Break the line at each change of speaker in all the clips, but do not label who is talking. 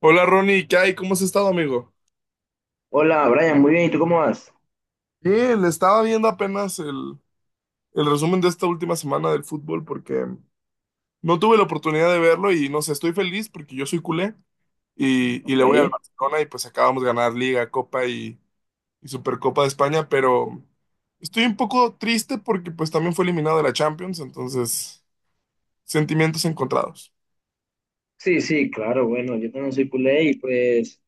Hola, Ronnie, ¿qué hay? ¿Cómo has estado, amigo?
Hola, Brian, muy bien, ¿y tú cómo vas?
Sí, le estaba viendo apenas el resumen de esta última semana del fútbol porque no tuve la oportunidad de verlo y no sé, estoy feliz porque yo soy culé y
Ok.
le voy al Barcelona y pues acabamos de ganar Liga, Copa y Supercopa de España, pero estoy un poco triste porque pues también fue eliminado de la Champions, entonces sentimientos encontrados.
Sí, sí, claro, bueno, yo también soy culé y pues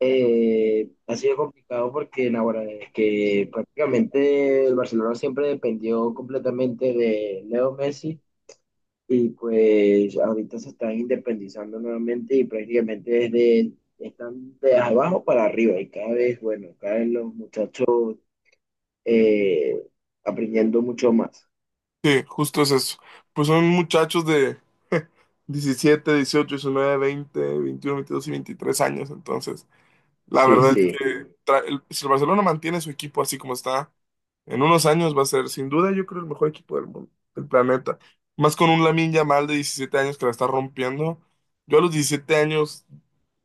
ha sido complicado porque ahora es que prácticamente el Barcelona siempre dependió completamente de Leo Messi, y pues ahorita se están independizando nuevamente y prácticamente desde están de abajo para arriba y cada vez, bueno, cada vez los muchachos eh, aprendiendo mucho más.
Sí, justo es eso. Pues son muchachos de 17, 18, 19, 20, 21, 22 y 23 años, entonces. La
Sí,
verdad es
sí.
que si el Barcelona mantiene su equipo así como está, en unos años va a ser sin duda yo creo el mejor equipo del mundo, del planeta. Más con un Lamine Yamal de 17 años que la está rompiendo. Yo a los 17 años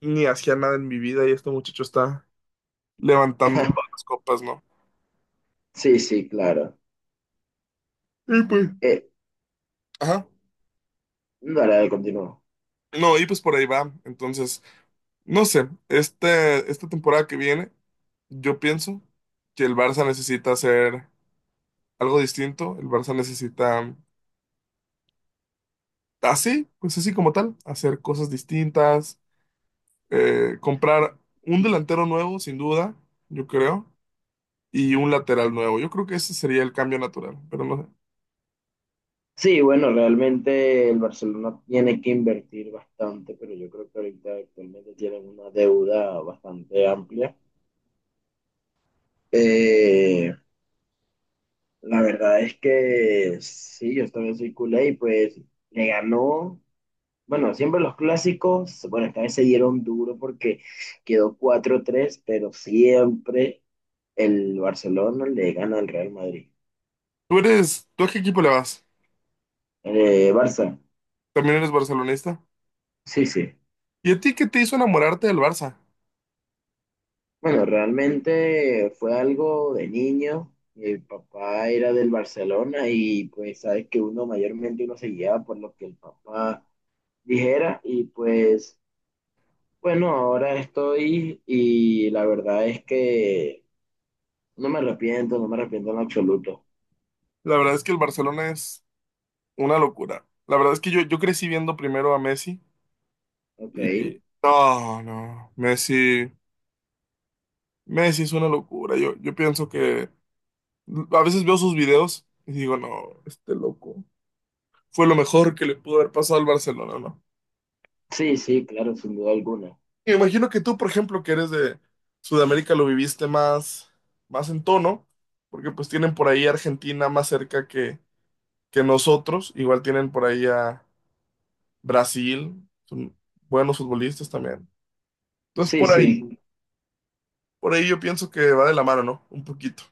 ni hacía nada en mi vida y este muchacho está levantando todas las copas, ¿no?
Sí, sí, claro.
Y pues,
Eh,
ajá.
Dale, dale, continúa.
No, y pues por ahí va. Entonces, no sé, esta temporada que viene, yo pienso que el Barça necesita hacer algo distinto. El Barça necesita así, pues así como tal, hacer cosas distintas, comprar un delantero nuevo, sin duda, yo creo, y un lateral nuevo. Yo creo que ese sería el cambio natural, pero no sé.
Sí, bueno, realmente el Barcelona tiene que invertir bastante, pero yo creo que ahorita actualmente tienen una deuda bastante amplia. Eh, la verdad es que sí, yo también soy culé y pues le ganó, bueno, siempre los clásicos, bueno, esta vez se dieron duro porque quedó cuatro tres pero siempre el Barcelona le gana al Real Madrid.
Tú eres, ¿tú a qué equipo le vas?
Barça,
También eres barcelonista.
sí, sí.
¿Y a ti qué te hizo enamorarte del Barça?
Bueno, realmente fue algo de niño. Mi papá era del Barcelona y pues sabes que uno mayormente uno se guiaba por lo que el papá dijera y pues bueno, ahora estoy y la verdad es que no me arrepiento, no me arrepiento en absoluto.
La verdad es que el Barcelona es una locura. La verdad es que yo crecí viendo primero a Messi
Ok.
y no, no, Messi, Messi es una locura. Yo pienso que a veces veo sus videos y digo, no, este loco fue lo mejor que le pudo haber pasado al Barcelona, ¿no?
Sí, sí, claro, sin duda alguna.
Me imagino que tú, por ejemplo, que eres de Sudamérica, lo viviste más, más en tono, porque pues tienen por ahí a Argentina más cerca que nosotros, igual tienen por ahí a Brasil, son buenos futbolistas también. Entonces
Sí, sí,
por ahí yo pienso que va de la mano, ¿no? Un poquito.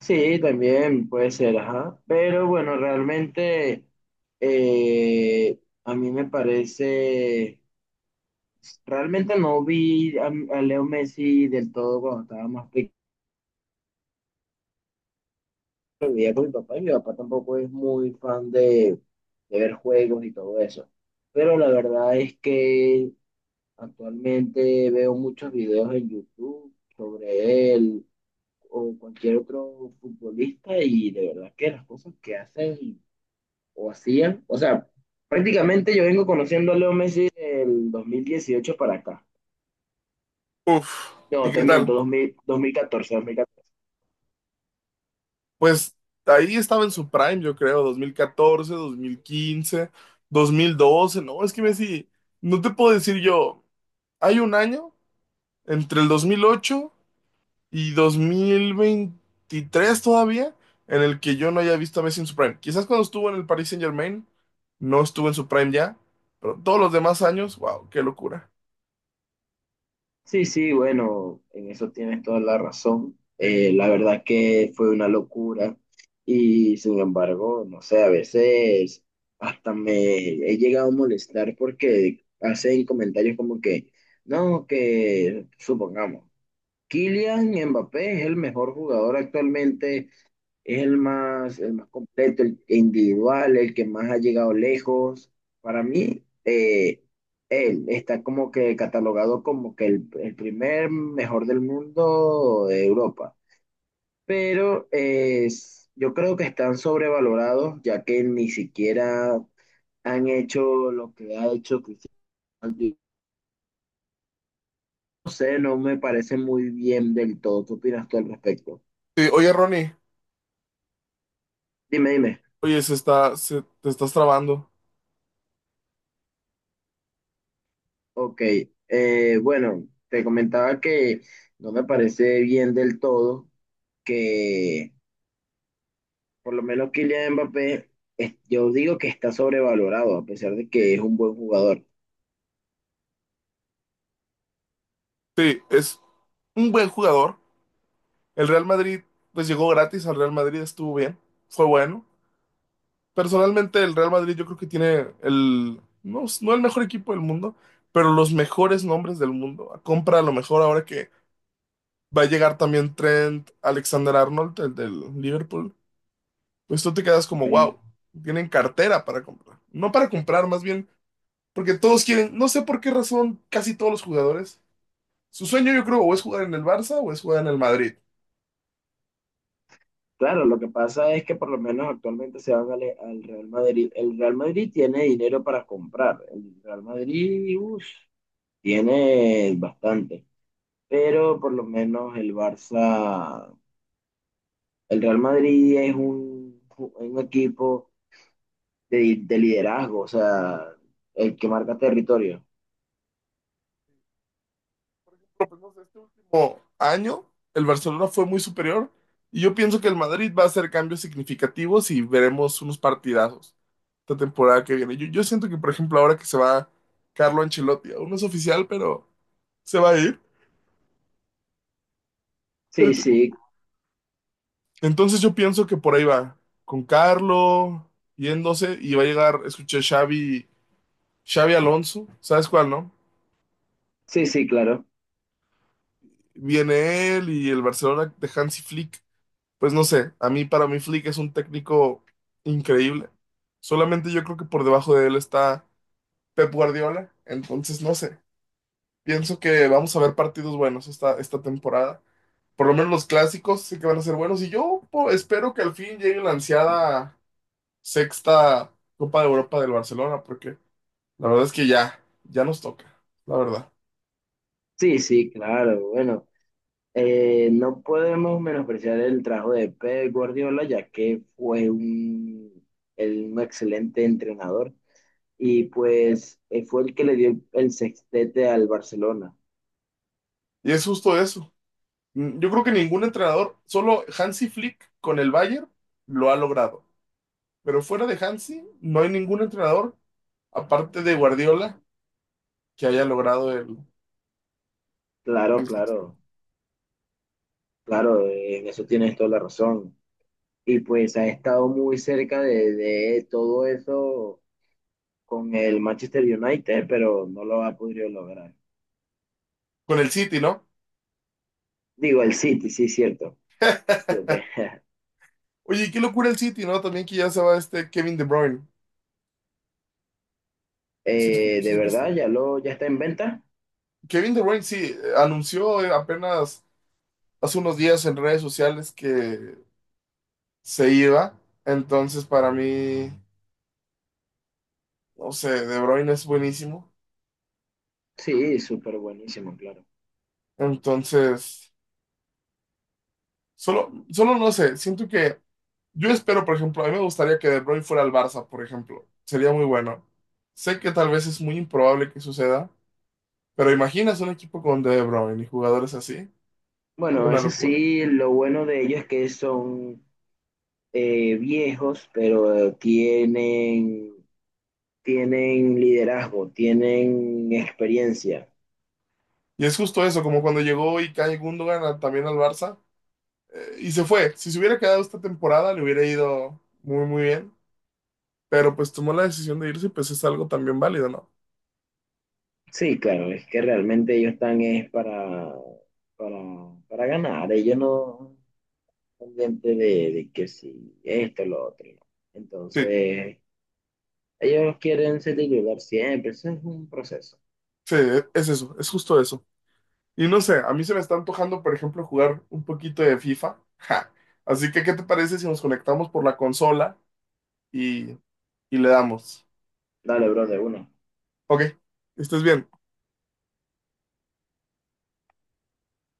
sí, también puede ser, ajá. Pero bueno, realmente a mí me parece... Realmente no vi a Leo Messi del todo cuando estaba más pequeño, vivía con mi papá y mi papá tampoco es muy fan de ver juegos y todo eso. Pero la verdad es que actualmente veo muchos videos en YouTube sobre él o cualquier otro futbolista y de verdad que las cosas que hacen o hacían, o sea, prácticamente yo vengo conociendo a Leo Messi del 2018 para acá.
Uf, ¿y
No, te
qué tal?
miento, 2000 2014, 2014.
Pues ahí estaba en su prime, yo creo, dos mil catorce, 2015, 2012. ¿No? Es que Messi, no te puedo decir yo. Hay un año, entre el 2008 y 2023 todavía, en el que yo no haya visto a Messi en su prime. Quizás cuando estuvo en el Paris Saint-Germain, no estuvo en su prime ya, pero todos los demás años, wow, qué locura.
Sí, sí, bueno, en eso tienes toda la razón. La verdad que fue una locura y sin embargo, no sé, a veces hasta me he llegado a molestar porque hacen comentarios como que, no, que supongamos, Kylian Mbappé es el mejor jugador actualmente, es el más completo, el individual, el que más ha llegado lejos. Para mí, él está como que catalogado como que el primer mejor del mundo de Europa. Pero yo creo que están sobrevalorados, ya que ni siquiera han hecho lo que ha hecho Cristiano. Ronaldo. No sé, no me parece muy bien del todo. ¿Qué opinas tú al respecto?
Sí, oye, Ronnie,
Dime, dime.
oye, te estás trabando.
Ok, bueno, te comentaba que no me parece bien del todo que por lo menos Kylian Mbappé, yo digo que está sobrevalorado a pesar de que es un buen jugador.
Sí, es un buen jugador. El Real Madrid, pues llegó gratis al Real Madrid, estuvo bien, fue bueno. Personalmente, el Real Madrid yo creo que tiene el, no, no el mejor equipo del mundo, pero los mejores nombres del mundo. Compra a lo mejor ahora que va a llegar también Trent Alexander-Arnold, el del Liverpool. Pues tú te quedas
Ok,
como, wow, tienen cartera para comprar. No para comprar, más bien, porque todos quieren, no sé por qué razón, casi todos los jugadores. Su sueño yo creo o es jugar en el Barça o es jugar en el Madrid.
claro, lo que pasa es que por lo menos actualmente se van al, al Real Madrid. El Real Madrid tiene dinero para comprar. El Real Madrid, uff, tiene bastante, pero por lo menos el Barça, el Real Madrid es un equipo de liderazgo, o sea, el que marca territorio.
Por lo menos este último año, el Barcelona fue muy superior y yo pienso que el Madrid va a hacer cambios significativos y veremos unos partidazos esta temporada que viene. Yo siento que, por ejemplo, ahora que se va Carlo Ancelotti, aún no es oficial, pero se va a ir.
Sí,
Ent-
sí,
Entonces yo pienso que por ahí va, con Carlo yéndose y va a llegar, escuché Xavi, Xavi Alonso, ¿sabes cuál, no?
sí, sí, claro.
Viene él y el Barcelona de Hansi Flick. Pues no sé, a mí para mí Flick es un técnico increíble. Solamente yo creo que por debajo de él está Pep Guardiola, entonces no sé. Pienso que vamos a ver partidos buenos esta temporada. Por lo menos los clásicos sí que van a ser buenos y yo espero que al fin llegue la ansiada sexta Copa de Europa del Barcelona, porque la verdad es que ya nos toca, la verdad.
Sí, sí, claro. Bueno, no podemos menospreciar el trabajo de Pep Guardiola, ya que fue un, un excelente entrenador y pues fue el que le dio el sextete al Barcelona.
Y es justo eso. Mm, yo creo que ningún entrenador, solo Hansi Flick con el Bayern lo ha logrado. Pero fuera de Hansi, no hay ningún entrenador, aparte de Guardiola, que haya logrado
Claro,
sextete.
claro, claro, en eso tienes toda la razón. Y pues ha estado muy cerca de todo eso con el Manchester United, pero no lo ha podido lograr.
Con el City, ¿no?
Digo, el City, sí, cierto. Me equivoqué.
Oye, y qué locura el City, ¿no? También que ya se va este Kevin De Bruyne. ¿Sí, sí
De verdad,
supiste?
ya lo, ya está en venta.
Kevin De Bruyne, sí, anunció apenas hace unos días en redes sociales que se iba. Entonces, para mí, no sé, De Bruyne es buenísimo.
Sí, súper buenísimo, claro.
Entonces, solo no sé, siento que yo espero, por ejemplo, a mí me gustaría que De Bruyne fuera al Barça, por ejemplo. Sería muy bueno. Sé que tal vez es muy improbable que suceda, pero imaginas un equipo con De Bruyne y jugadores así. Es
Bueno,
una
eso
locura.
sí, lo bueno de ellos es que son viejos, pero tienen, tienen liderazgo, tienen experiencia.
Y es justo eso, como cuando llegó Ilkay Gundogan también al Barça y se fue. Si se hubiera quedado esta temporada, le hubiera ido muy bien. Pero pues tomó la decisión de irse y pues es algo también válido, ¿no?
Sí, claro, es que realmente ellos están es para, para ganar. Ellos no, pendiente de que si esto, lo otro. ¿No?
Sí,
Entonces, ellos quieren ser titular siempre, eso es un proceso.
sí, es eso, es justo eso. Y no sé, a mí se me está antojando, por ejemplo, jugar un poquito de FIFA. Ja. Así que, ¿qué te parece si nos conectamos por la consola y, y le damos?
Dale, bro, de uno.
Ok, estás bien.